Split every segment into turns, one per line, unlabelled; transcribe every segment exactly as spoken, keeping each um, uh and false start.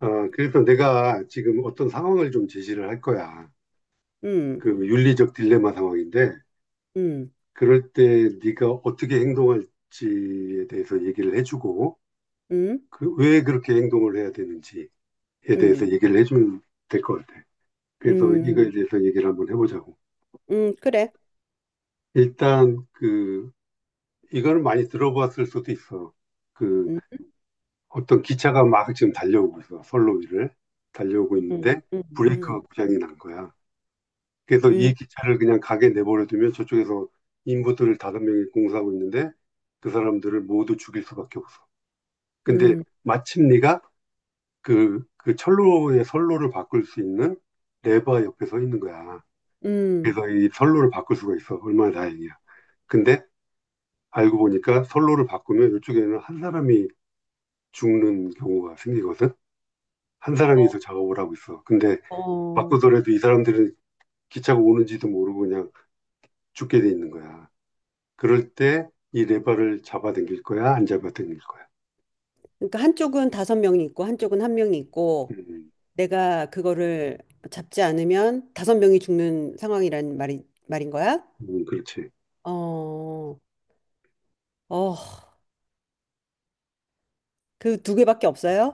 어, 그래서 내가 지금 어떤 상황을 좀 제시를 할 거야.
음,
그 윤리적 딜레마 상황인데,
음,
그럴 때 네가 어떻게 행동할지에 대해서 얘기를 해주고,
음,
그 왜 그렇게 행동을 해야 되는지에 대해서
음,
얘기를 해주면 될 것 같아. 그래서 이거에
음,
대해서 얘기를 한번 해보자고.
음, 그래.
일단 그 이거는 많이 들어봤을 수도 있어. 그
음,
어떤 기차가 막 지금 달려오고 있어. 선로 위를 달려오고
음,
있는데
음, 음,
브레이크가 고장이 난 거야. 그래서
음,
이 기차를 그냥 가게 내버려 두면 저쪽에서 인부들을 다섯 명이 공사하고 있는데 그 사람들을 모두 죽일 수밖에 없어. 근데
음,
마침 네가 그, 그 철로의 선로를 바꿀 수 있는 레바 옆에 서 있는 거야.
음.
그래서 이 선로를 바꿀 수가 있어. 얼마나 다행이야. 근데 알고 보니까 선로를 바꾸면 이쪽에는 한 사람이 죽는 경우가 생기거든. 한
어,
사람이서 작업을 하고 있어. 근데
어.
바꾸더라도 이 사람들은 기차가 오는지도 모르고 그냥 죽게 돼 있는 거야. 그럴 때 이 레버를 잡아당길 거야, 안 잡아당길 거야.
그러니까 한쪽은 다섯 명이 있고 한쪽은 한 명이 있고
음,
내가 그거를 잡지 않으면 다섯 명이 죽는 상황이란 말이 말인 거야?
음, 그렇지.
어, 어, 그 두 개밖에 없어요?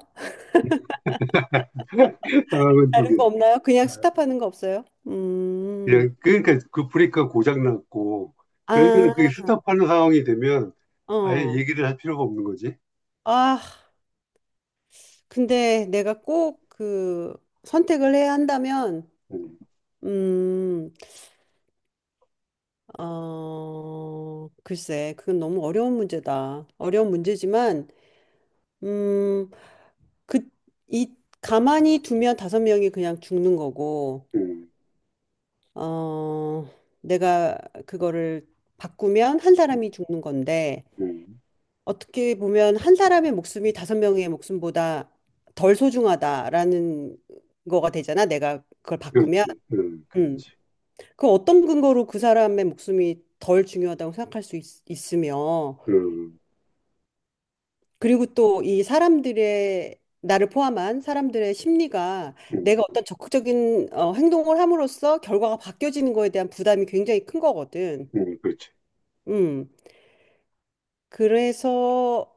상황은 두
다른
개.
거 없나요? 그냥
아,
스탑하는 거 없어요? 음,
그냥 그러니까 그 브레이크가 고장 났고 그러면 그게
아,
스탑하는 상황이 되면 아예
어,
얘기를 할 필요가 없는 거지.
아. 근데 내가 꼭 그 선택을 해야 한다면,
음,
음, 어, 글쎄, 그건 너무 어려운 문제다. 어려운 문제지만, 음, 그, 이, 가만히 두면 다섯 명이 그냥 죽는 거고,
음,
어, 내가 그거를 바꾸면 한 사람이 죽는 건데,
음,
어떻게 보면 한 사람의 목숨이 다섯 명의 목숨보다 덜 소중하다라는 거가 되잖아. 내가 그걸 바꾸면.
그렇지. 음,
음.
그렇지.
그 어떤 근거로 그 사람의 목숨이 덜 중요하다고 생각할 수 있, 있으며,
음,
그리고 또 이 사람들의, 나를 포함한 사람들의 심리가
음,
내가 어떤 적극적인 어, 행동을 함으로써 결과가 바뀌어지는 거에 대한 부담이 굉장히 큰 거거든.
음, 그렇지.
음, 그래서,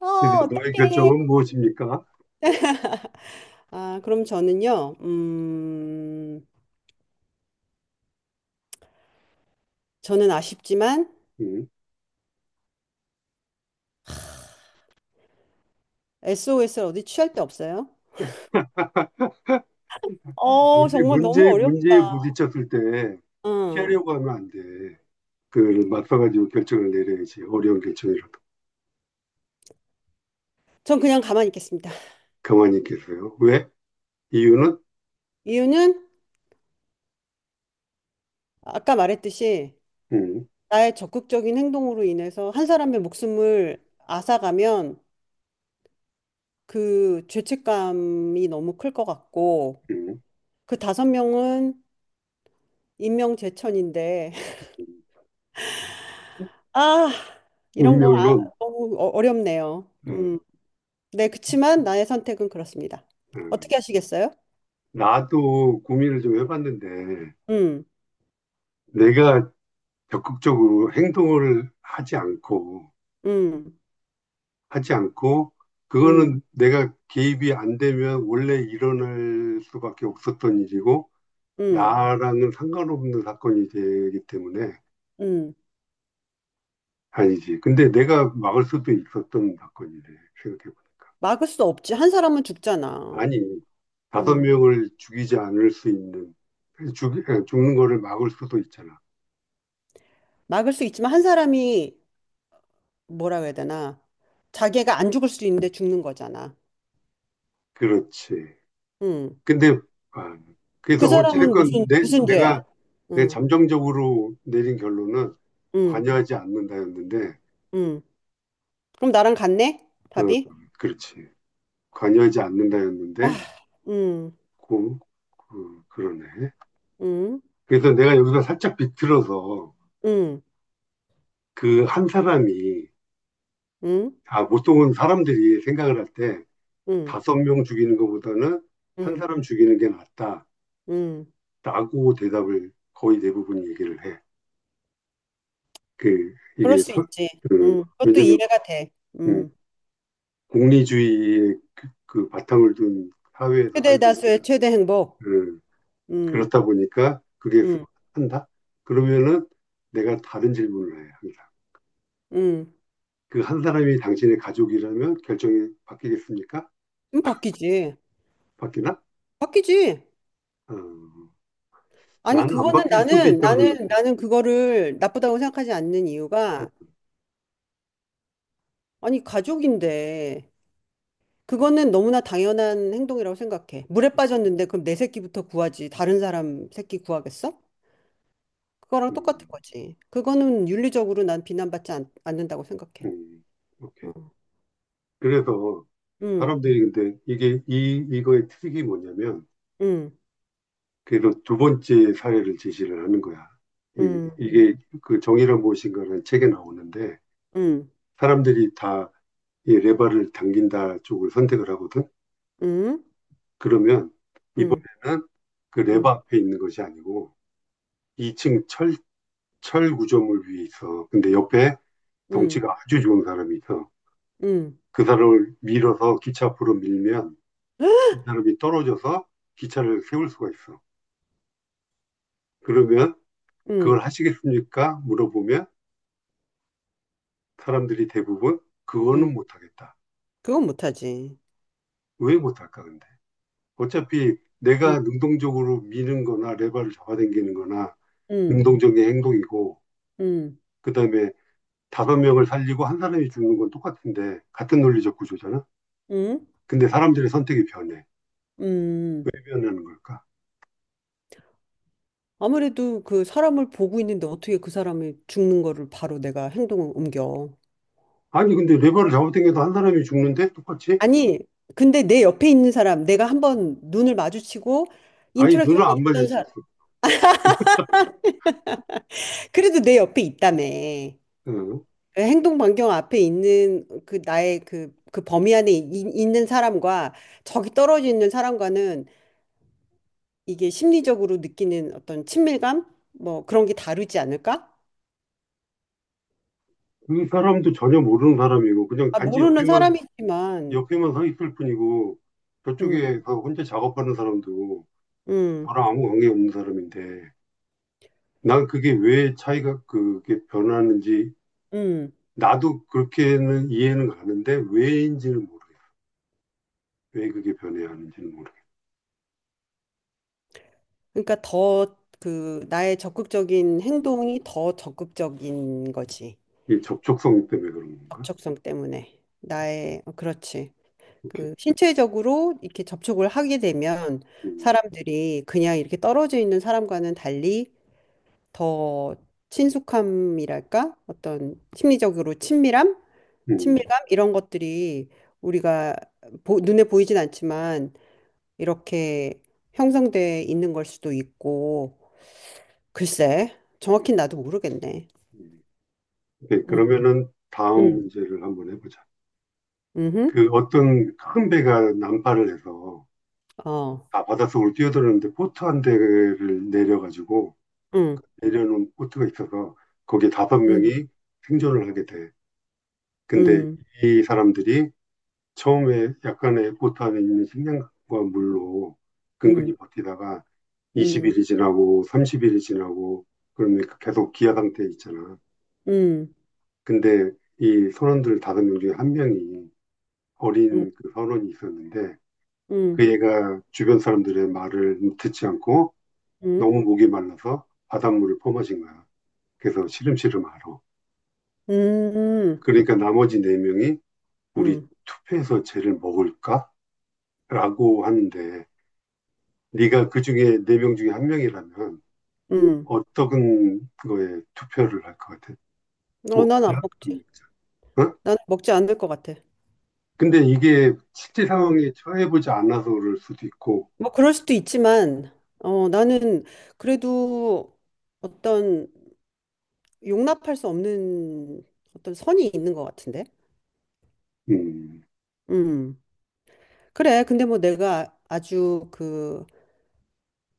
어,
그러니까 너의
어떡해.
결정은 무엇입니까?
아, 그럼 저는요, 음, 저는 아쉽지만
음.
에스오에스를 어디 취할 데 없어요? 어,
문제,
정말 너무
문제,
어렵다.
문제에 부딪혔을 때
어,
피하려고 하면 안 돼. 그걸 맞서가지고 결정을 내려야지. 어려운 결정이라도.
전 그냥 가만히 있겠습니다.
가만히 있겠어요. 왜? 이유는
이유는 아까 말했듯이
음,
나의 적극적인 행동으로 인해서 한 사람의 목숨을 앗아가면 그 죄책감이 너무 클 것 같고
음,
그 다섯 명은 인명재천인데
음.
아 이런 거 아,
운명론.
너무 어- 어렵네요.
어,
음, 네 그치만 나의 선택은 그렇습니다.
어.
어떻게 하시겠어요?
나도 고민을 좀 해봤는데
음,
내가 적극적으로 행동을 하지 않고
음,
하지 않고
음,
그거는 내가 개입이 안 되면 원래 일어날 수밖에 없었던 일이고
음,
나랑은 상관없는 사건이 되기 때문에
음.
아니지. 근데 내가 막을 수도 있었던 사건이래 생각해보니까.
막을 수 없지. 한 사람은 죽잖아.
아니 다섯
음,
명을 죽이지 않을 수 있는 죽, 죽는 거를 막을 수도 있잖아.
막을 수 있지만 한 사람이 뭐라고 해야 되나? 자기가 안 죽을 수도 있는데 죽는 거잖아.
그렇지.
응.
근데 아,
그
그래서
사람은 무슨
어찌됐건 내,
무슨 죄야?
내가 내
응,
잠정적으로 내린 결론은
응,
관여하지 않는다였는데,
응. 그럼 나랑 같네?
어,
답이?
그렇지. 관여하지
아,
않는다였는데,
응,
그, 그, 그러네.
응,
그래서 내가 여기서 살짝 비틀어서
응,
그 한 사람이,
응,
아, 보통은 사람들이 생각을 할 때
응,
다섯 명 죽이는 것보다는 한
응,
사람 죽이는 게 낫다.
응.
라고 대답을 거의 대부분 얘기를 해. 그,
그럴
이게,
수
서-
있지.
그,
응. 그것도
왜냐면,
이해가 돼.
음,
응.
공리주의의 그, 그 바탕을 둔 사회에서
최대
살다
다수의
보니까,
최대 행복.
음,
응,
그렇다 보니까 그게
응,
한다? 그러면은 내가 다른 질문을 해, 항상.
응.
그 한 사람이 당신의 가족이라면 결정이 바뀌겠습니까?
그럼 바뀌지.
바뀌나?
바뀌지.
어,
아니,
나는 안
그거는
바뀔 수도
나는,
있다고
나는,
생각해.
나는 그거를 나쁘다고 생각하지 않는 이유가, 아니, 가족인데, 그거는 너무나 당연한 행동이라고 생각해. 물에 빠졌는데 그럼 내 새끼부터 구하지. 다른 사람 새끼 구하겠어? 그거랑
음,
똑같은 거지. 그거는 윤리적으로 난 비난받지 않, 않는다고 생각해.
음, 오케이.
어.
그래서
음,
사람들이 근데 이게, 이, 이거의 트릭이 뭐냐면,
음,
그래서 두 번째 사례를 제시를 하는 거야. 이,
음, 음,
이게 그 정의란 무엇인가라는 책에 나오는데
음,
사람들이 다 이 레바를 당긴다 쪽을 선택을 하거든.
음,
그러면
음,
이번에는 그 레바 앞에 있는 것이 아니고 이 층 철, 철 구조물 위에 있어. 근데 옆에
음,
덩치가 아주 좋은 사람이 있어.
음.
그 사람을 밀어서 기차 앞으로 밀면
응,
이 사람이 떨어져서 기차를 세울 수가 있어. 그러면 그걸
응,
하시겠습니까? 물어보면 사람들이 대부분
응.
그거는 못하겠다.
그건 못하지.
왜 못할까 근데? 어차피
응,
내가 능동적으로 미는 거나 레버를 잡아당기는 거나
응,
능동적인 행동이고
응,
그다음에 다섯 명을 살리고 한 사람이 죽는 건 똑같은데 같은 논리적 구조잖아.
응,
근데 사람들의 선택이 변해. 왜
응.
변하는 걸까?
아무래도 그 사람을 보고 있는데 어떻게 그 사람이 죽는 거를 바로 내가 행동을 옮겨.
아니 근데 레버를 잡아당겨도 한 사람이 죽는데 똑같이?
아니, 근데 내 옆에 있는 사람, 내가 한번 눈을 마주치고
아니 눈을
인터랙션이
안
있던
마주쳤어.
사람, 그래도 내 옆에 있다며.
응.
그 행동 반경 앞에 있는 그 나의 그, 그 범위 안에 이- 있는 사람과 저기 떨어져 있는 사람과는 이게 심리적으로 느끼는 어떤 친밀감? 뭐 그런 게 다르지 않을까?
그 사람도 전혀 모르는 사람이고 그냥
아,
단지
모르는
옆에만
사람이지만,
옆에만 서 있을 뿐이고
음,
저쪽에서 혼자 작업하는 사람도 저
음,
랑 아무 관계 없는 사람인데 난 그게 왜 차이가 그게 변하는지
음.
나도 그렇게는 이해는 가는데 왜인지는 모르겠어. 왜 그게 변해야 하는지는 모르겠어.
그러니까 더 그 나의 적극적인 행동이 더 적극적인 거지.
이 접촉성 때문에 그런 건가?
접촉성 때문에 나의 어, 그렇지
오케이.
그 신체적으로 이렇게 접촉을 하게 되면
음,
사람들이 그냥 이렇게 떨어져 있는 사람과는 달리 더 친숙함이랄까 어떤 심리적으로 친밀함
음,
친밀감 이런 것들이 우리가 보, 눈에 보이진 않지만 이렇게 형성돼 있는 걸 수도 있고 글쎄 정확히 나도 모르겠네.
음. 오케이.
음,
그러면은 다음
음,
문제를 한번 해보자.
음, 음,
그 어떤 큰 배가 난파를 해서
어,
다 바닷속으로 뛰어들었는데 보트 한 대를 내려가지고
음,
내려놓은 보트가 있어서 거기에 다섯
음,
명이 생존을 하게 돼. 근데
음,
이 사람들이 처음에 약간의 포탄에 있는 식량과 물로
음.
근근히 버티다가
음.
이십 일이 지나고 삼십 일이 지나고 그러면 계속 기아 상태에 있잖아.
음,
근데 이 선원들 다섯 명 중에 한 명이
음,
어린 그 선원이 있었는데
음,
그 애가 주변 사람들의 말을 듣지 않고
음,
너무 목이 말라서 바닷물을 퍼마신 거야. 그래서 시름시름 앓아.
음,
그러니까 나머지 네 명이 우리
음,
투표해서 쟤를 먹을까? 라고 하는데 네가 그 중에 네 명 중에 한 명이라면
음.
어떤 거에 투표를 할 것 같아?
어, 나는 안
먹자? 음.
먹지.
어?
나는 먹지 않을 것 같아.
근데 이게 실제
응.
상황에 처해보지 않아서 그럴 수도 있고,
뭐 그럴 수도 있지만, 어, 나는 그래도 어떤 용납할 수 없는 어떤 선이 있는 것 같은데.
음,
음. 그래. 근데 뭐 내가 아주 그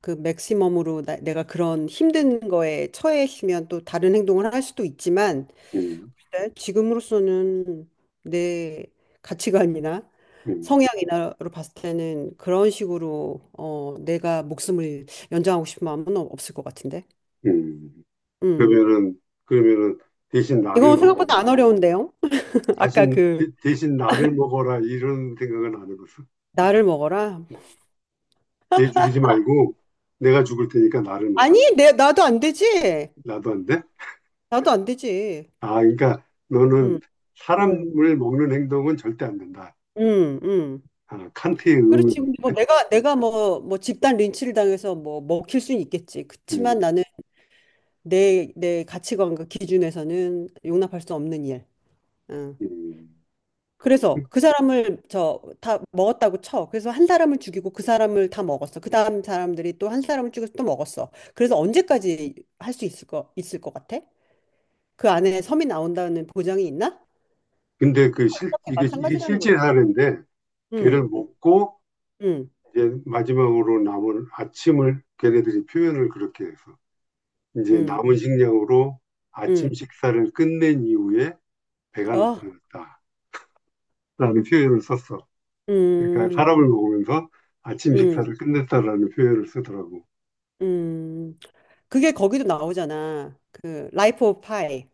그 맥시멈으로 나, 내가 그런 힘든 거에 처해 있으면 또 다른 행동을 할 수도 있지만
음,
네, 지금으로서는 내 가치관이나
음,
성향이나로 봤을 때는 그런 식으로 어, 내가 목숨을 연장하고 싶은 마음은 없을 것 같은데.
음.
음.
그러면은, 그러면은 대신 나를
이건
먹어라.
생각보다 안 어려운데요. 아까
신 대,
그
대신 나를 먹어라. 이런 생각은 안 해봤어.
나를 먹어라.
음. 쟤 죽이지 말고 내가 죽을 테니까 나를
아니,
먹어라.
내 나도 안 되지.
나도 안 돼?
나도 안 되지.
아, 그러니까 너는
음, 음,
사람을 먹는 행동은 절대 안 된다.
음, 음.
아, 칸트의
그렇지. 근데
의문.
뭐 내가 내가 뭐 뭐 집단 린치를 당해서 뭐 먹힐 수는 있겠지.
음,
그렇지만 나는 내 내 가치관과 기준에서는 용납할 수 없는 일. 응.
음.
그래서 그 사람을 저 다 먹었다고 쳐. 그래서 한 사람을 죽이고 그 사람을 다 먹었어. 그 다음 사람들이 또 한 사람을 죽여서 또 먹었어. 그래서 언제까지 할 수 있을 거 있을 것 같아? 그 안에 섬이 나온다는 보장이 있나?
근데 그 실,
어차피
이게, 이게
마찬가지라는 거지.
실제 사례인데, 걔를
응,
먹고,
응,
이제 마지막으로 남은 아침을 걔네들이 표현을 그렇게 해서, 이제
응,
남은 식량으로 아침
응.
식사를 끝낸 이후에 배가
어,
나타났다라는 표현을 썼어. 그러니까
음,
사람을 먹으면서 아침
음,
식사를 끝냈다라는 표현을 쓰더라고.
음. 그게 거기도 나오잖아. 그 라이프 오브 파이.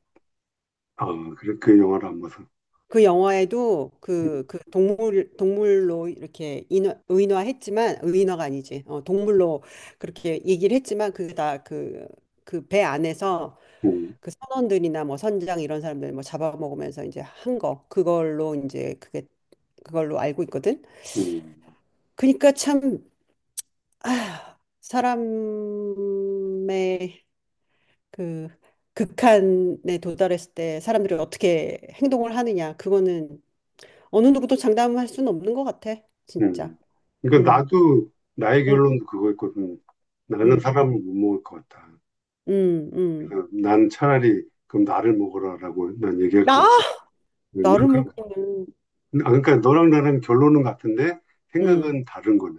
아, 그래, 그 영화를 안 봐서.
그 영화에도
음,
그, 그 동물, 동물로 이렇게 인화, 의인화했지만, 의인화가 아니지. 어, 동물로 그렇게 얘기를 했지만, 그게 다 그, 그 배 안에서
음,
그 선원들이나 뭐 선장 이런 사람들 뭐 잡아먹으면서 이제 한 거. 그걸로 이제 그게, 그걸로 알고 있거든.
음.
그러니까 참, 아, 사람의 그 극한에 도달했을 때 사람들이 어떻게 행동을 하느냐 그거는 어느 누구도 장담할 수는 없는 것 같아 진짜
음. 그러니까
음,
나도 나의
음,
결론도 그거였거든. 나는
음,
사람을 못 먹을 것 같다.
음, 음.
그래서 난 차라리 그럼 나를 먹으라라고 난 얘기할 것
나
같다.
나를
난 그렇게
먹기는
아, 그러니까 너랑 나랑 결론은 같은데
음,
생각은 다른 거네.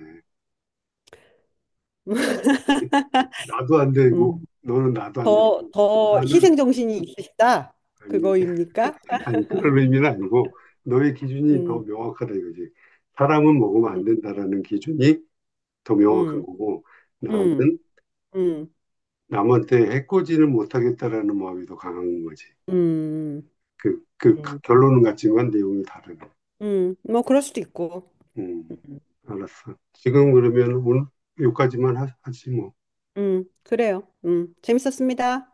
나도 안 되고
음.
너는 나도 안 되고
더, 더
나는
희생 정신이 있으시다
아니
그거입니까?
아니 그런 의미는 아니고 너의 기준이 더
음,
명확하다 이거지. 사람은 먹으면
음,
안 된다라는 기준이 더 명확한
음,
거고 나는
음, 음,
남한테 해코지를 못하겠다라는 마음이 더 강한 거지.
음,
그, 그
음,
결론은 같지만 내용이 다르네.
음. 뭐 그럴 수도 있고
음,
음,
알았어. 지금 그러면 오늘 여기까지만 하, 하지 뭐.
음, 그래요 음, 재밌었습니다.